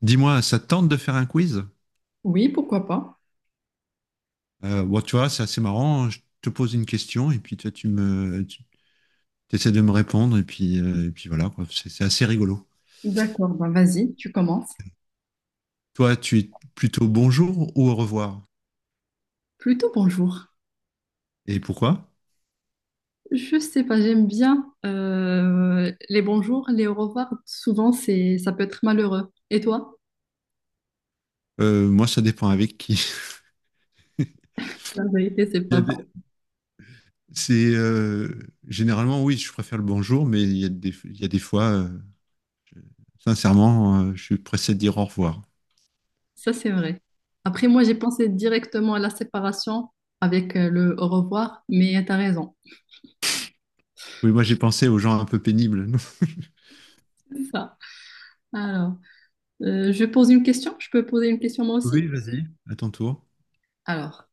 Dis-moi, ça te tente de faire un quiz? Oui, pourquoi pas. Tu vois, c'est assez marrant, hein. Je te pose une question et puis toi, tu essaies de me répondre et puis voilà, quoi. C'est assez rigolo. D'accord, bah vas-y, tu commences. Toi, tu es plutôt bonjour ou au revoir? Plutôt bonjour. Et pourquoi? Je sais pas, j'aime bien les bonjours, les au revoir. Souvent, ça peut être malheureux. Et toi? Moi, ça dépend avec qui. Il La vérité, c'est y a pas faux. des- c'est généralement oui, je préfère le bonjour, mais il y a des fois, je- sincèrement, je suis pressé de dire au revoir. Ça, c'est vrai. Après, moi, j'ai pensé directement à la séparation avec le au revoir, mais t'as raison. Oui, moi j'ai pensé aux gens un peu pénibles. C'est ça. Alors, je pose une question. Je peux poser une question moi aussi? Oui. À ton tour. Alors,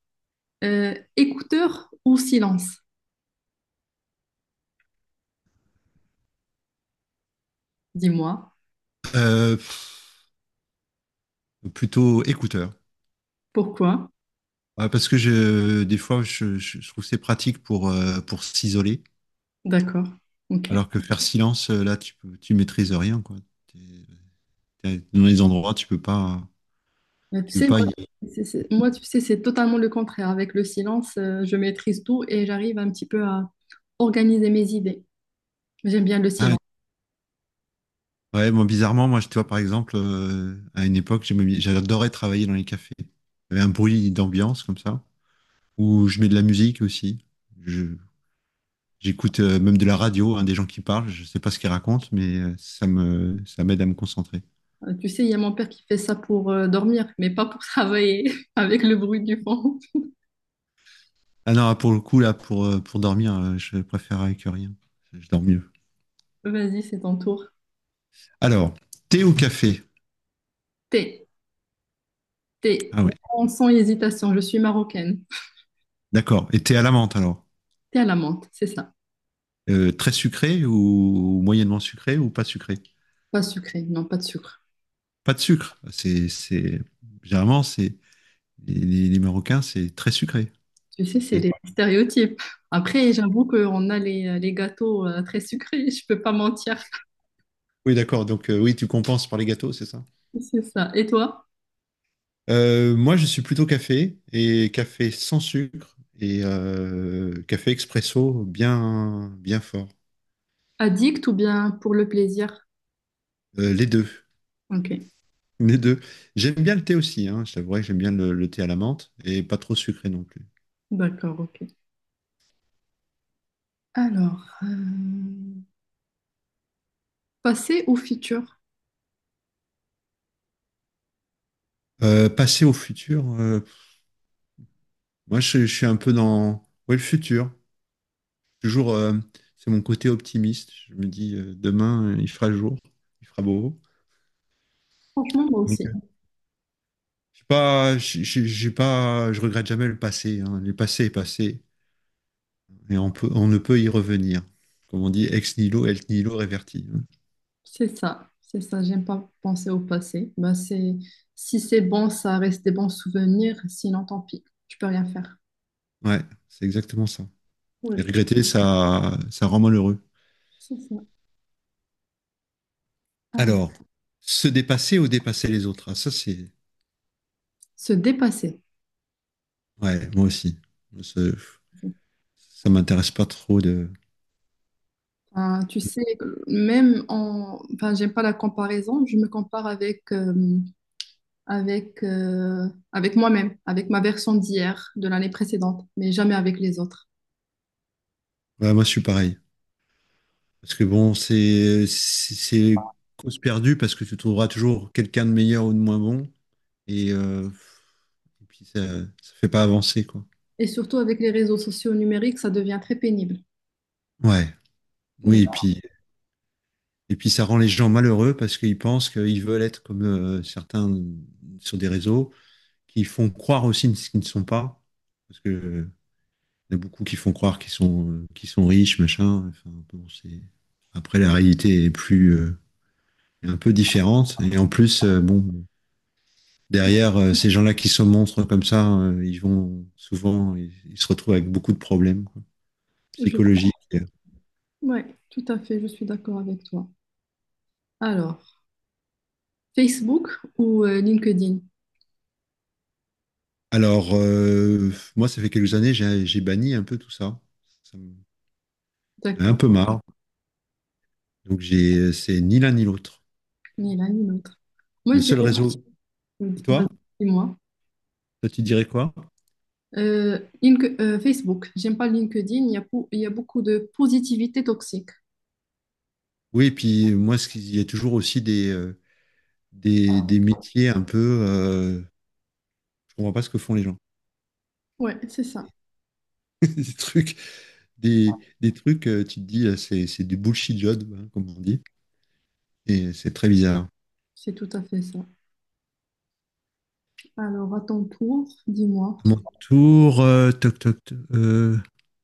écouteur ou silence? Dis-moi. Euh, Plutôt écouteur. Pourquoi? Ouais, parce que des fois, je trouve que c'est pratique pour s'isoler, D'accord. Ok. alors que faire silence, là, tu maîtrises rien, quoi. T'es- T'es dans les endroits, Mais tu tu peux sais, pas moi, y aller. Moi, tu sais, c'est totalement le contraire. Avec le silence, je maîtrise tout et j'arrive un petit peu à organiser mes idées. J'aime bien le Ah, silence. ouais, moi, bizarrement, tu vois, par exemple, à une époque, j'adorais travailler dans les cafés. Il y avait un bruit d'ambiance, comme ça, où je mets de la musique aussi. Je, J'écoute, même de la radio, hein, des gens qui parlent, je sais pas ce qu'ils racontent, mais ça m'aide à me concentrer. Tu sais, il y a mon père qui fait ça pour dormir, mais pas pour travailler avec le bruit du fond. Ah non, pour le coup, là, pour dormir, je préfère avec rien. Je dors mieux. Vas-y, c'est ton tour. Alors, thé ou café? Thé, thé, Ah oui, vraiment sans hésitation, je suis marocaine. d'accord. Et thé à la menthe, alors? Thé à la menthe, c'est ça. Très sucré ou moyennement sucré ou pas sucré? Pas sucré, non, pas de sucre. Pas de sucre. Généralement, les Marocains, c'est très sucré, Tu sais, le c'est thé. des stéréotypes. Après, j'avoue qu'on a les gâteaux très sucrés, je peux pas mentir. Oui, d'accord. Donc, oui, tu compenses par les gâteaux, c'est ça? C'est ça. Et toi? Moi, je suis plutôt café et café sans sucre et café expresso bien, bien fort. Addict ou bien pour le plaisir? Les deux. Ok, Les deux. J'aime bien le thé aussi, hein. Je t'avouerai que j'aime bien le thé à la menthe et pas trop sucré non plus. d'accord, ok. Alors, passé ou futur? Passer au futur, je suis un peu dans ouais, le futur. Toujours, c'est mon côté optimiste. Je me dis demain il fera jour, il fera beau. Franchement, moi Donc, aussi. Je suis pas, je- j'ai pas, je regrette jamais le passé, hein. Le passé est passé et on ne peut y revenir. Comme on dit, ex nihilo reverti, hein. C'est ça, c'est ça. J'aime pas penser au passé. Bah, c'est, si c'est bon, ça reste des bons souvenirs. Sinon, tant pis. Tu peux rien faire. Ouais, c'est exactement ça. Oui, Et regretter, ça rend malheureux. c'est ça. Alors, Alors, se dépasser ou dépasser les autres, ah, ça c'est. se dépasser. Ouais, moi aussi. Ça, ça m'intéresse pas trop de. Enfin, tu sais, même en… Enfin, j'aime pas la comparaison. Je me compare avec… avec, avec moi-même, avec ma version d'hier, de l'année précédente, mais jamais avec les autres. Ouais, moi je suis pareil. Parce que bon, c'est cause perdue parce que tu trouveras toujours quelqu'un de meilleur ou de moins bon et, euh, et puis ça ça fait pas avancer, quoi. Et surtout avec les réseaux sociaux numériques, ça devient très pénible. Ouais. Oui, Mm. Et puis ça rend les gens malheureux parce qu'ils pensent qu'ils veulent être comme certains sur des réseaux qui font croire aussi ce qu'ils ne sont pas, parce que il y en a beaucoup qui font croire qu'ils sont riches, machin. Enfin, bon, c'est... Après, la réalité est plus, un peu différente. Et en plus, bon, derrière, ces gens-là qui se montrent comme ça, ils vont souvent, ils se retrouvent avec beaucoup de problèmes, quoi, Je- psychologiques. Ouais, tout à fait, je suis d'accord avec toi. Alors, Facebook ou LinkedIn? Alors, moi, ça fait quelques années, j'ai banni un peu tout ça. Ça me- J'en ai un peu D'accord, marre. Donc, c'est ni l'un ni l'autre. ni l'un ni l'autre. Moi, Le je seul dirais, réseau. Et toi? vas-y, dis-moi. Toi, tu dirais quoi? Facebook, j'aime pas LinkedIn, il y a, il y a beaucoup de positivité toxique. Oui, et puis moi, ce qu'il y a toujours aussi des, des métiers un peu, je comprends pas ce que font les gens. Ouais, c'est ça, Des trucs, des trucs, tu te dis, c'est du bullshit job, hein, comme on dit. Et c'est très bizarre. c'est tout à fait ça. Alors, à ton tour, dis-moi, À mon tour, toc, toc, toc,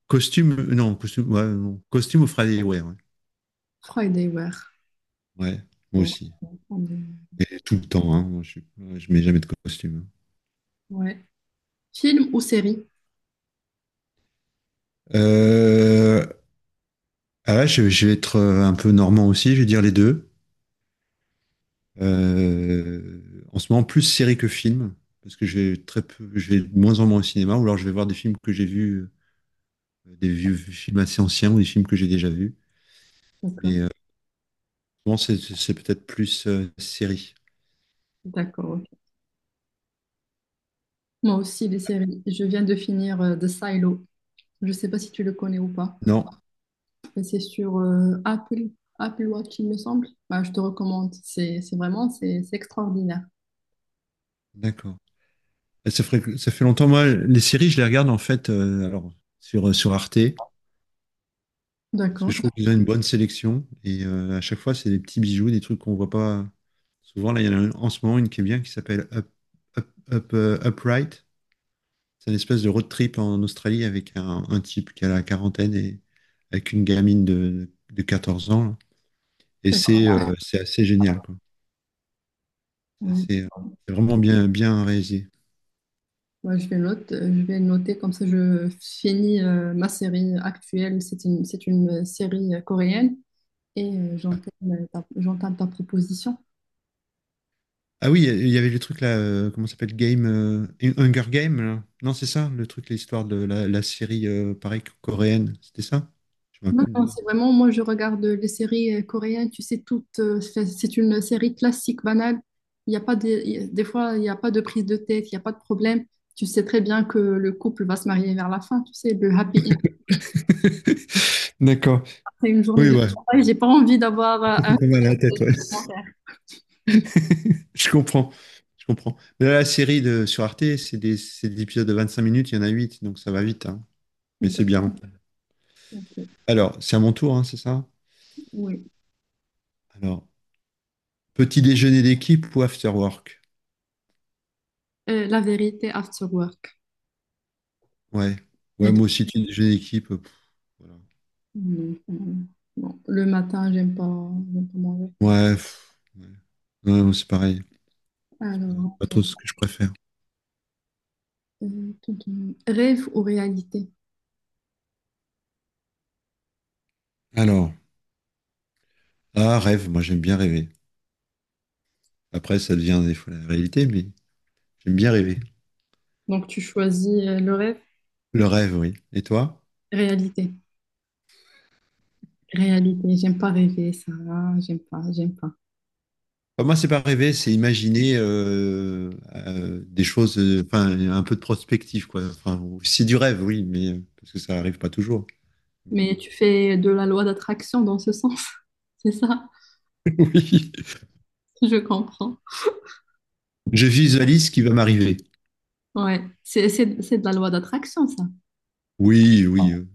costume, non, costume, ouais, non, costume au Friday Wear. Ouais. Friday Wear. Ouais, moi Bon, aussi. on va prendre des- Et tout le temps, hein, je mets jamais de costume, ouais. Film ou série? hein. Ah là, je vais être un peu normand aussi, je vais dire les deux. Euh, En ce moment, plus série que film, parce que j'ai de moins en moins au cinéma, ou alors je vais voir des films que j'ai vus, des vieux films assez anciens ou des films que j'ai déjà vus. D'accord, Mais souvent, c'est peut-être plus série. d'accord. Ok. Moi aussi, des séries. Je viens de finir The Silo. Je ne sais pas si tu le connais ou pas. Non, Mais c'est sur Apple, Apple Watch, il me semble. Bah, je te recommande. C'est vraiment c'est extraordinaire. d'accord. Ça fait longtemps, moi, les séries, je les regarde en fait alors, sur Arte, parce que D'accord, je trouve qu'ils ont une bonne sélection, et à chaque fois, c'est des petits bijoux, des trucs qu'on voit pas souvent. Là, il y en a une- en ce moment une qui est bien, qui s'appelle Upright. C'est une espèce de road trip en Australie avec un type qui a la quarantaine et avec une gamine de 14 ans là. Et d'accord. c'est ouais, c'est assez génial, quoi. C'est Ouais. assez, c'est vraiment bien, bien réalisé. Je vais noter comme ça je finis ma série actuelle. C'est une série coréenne et j'entame ta proposition. Ah oui, il y avait le truc là, comment ça s'appelle, Hunger Game, là. Non, c'est ça, le truc, l'histoire de la série, pareil, coréenne. C'était ça? Je me rappelle Non, plus le non, nom. c'est vraiment, moi je regarde les séries coréennes, tu sais, toutes, c'est une série classique, banale. Il y a pas de- il y a- des fois, il n'y a pas de prise de tête, il n'y a pas de problème. Tu sais très bien que le couple va se marier vers la fin, tu sais, le happy end D'accord. après une journée Oui, de ouais. travail. J'ai pas envie d'avoir un C'est pas mal à la tête, ouais. commentaire. Je comprends, je comprends. Mais là, sur Arte, c'est des épisodes de 25 minutes, il y en a 8, donc ça va vite, hein. Mais Donc, c'est bien. ok. Alors, c'est à mon tour, hein, c'est ça? Oui. Alors, petit déjeuner d'équipe ou after work? La vérité after work. Ouais. Et Ouais, toi? moi aussi, petit déjeuner d'équipe. Voilà. Non, non, non. Le matin, j'aime pas manger. Ouais, Ouais, moi, c'est pareil. Alors, C'est pas trop ce que je préfère. Rêve ou réalité? Alors, ah, rêve, moi j'aime bien rêver. Après, ça devient des fois la réalité, mais j'aime bien rêver. Donc tu choisis le rêve. Le rêve, oui. Et toi? Réalité, réalité. J'aime pas rêver, ça. J'aime pas, j'aime pas. Enfin, moi, c'est pas rêver, c'est imaginer des choses, enfin, un peu de prospective, quoi. Enfin, c'est du rêve, oui, mais parce que ça arrive pas toujours. Mais, Mais tu fais de la loi d'attraction dans ce sens, c'est ça? oui, Je comprends. je visualise ce qui va m'arriver. Ouais, c'est de la loi d'attraction, ça. Oui, oui,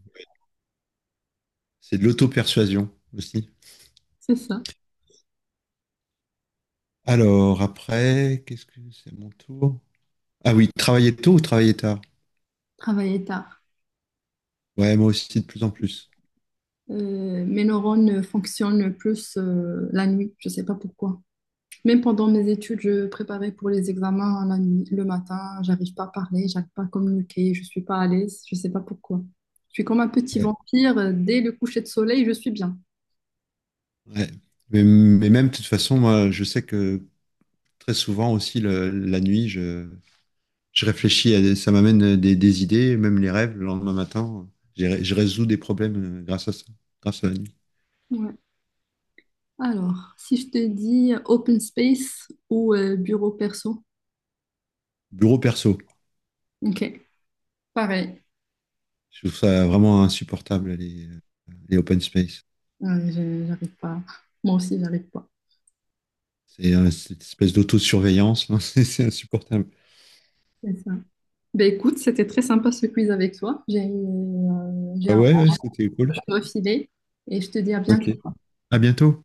c'est de l'auto-persuasion aussi. C'est ça. Alors, après, qu'est-ce que c'est mon tour? Ah oui, travailler tôt ou travailler tard? Travailler tard. Ouais, moi aussi, de plus en plus. Mes neurones fonctionnent plus la nuit, je sais pas pourquoi. Même pendant mes études, je préparais pour les examens la nuit, le matin, j'arrive pas à parler, j'arrive pas à communiquer, je suis pas à l'aise, je sais pas pourquoi. Je suis comme un petit Ouais. vampire, dès le coucher de soleil, je suis bien. Ouais. Mais même, de toute façon, moi, je sais que très souvent aussi, la nuit, je réfléchis à ça m'amène des idées, même les rêves, le lendemain matin, je résous des problèmes grâce à ça, grâce à la nuit. Ouais. Alors, si je te dis open space ou bureau perso, Bureau perso, ok, pareil. je trouve ça vraiment insupportable, les open space. Ouais, j'arrive pas. Moi aussi, j'arrive pas. C'est cette espèce d'autosurveillance, là, c'est insupportable. C'est ça. Ben écoute, c'était très sympa ce quiz avec toi. J'ai Ah un ouais, ouais, c'était cool. peu filer et je te dis à Ok. bientôt. À bientôt.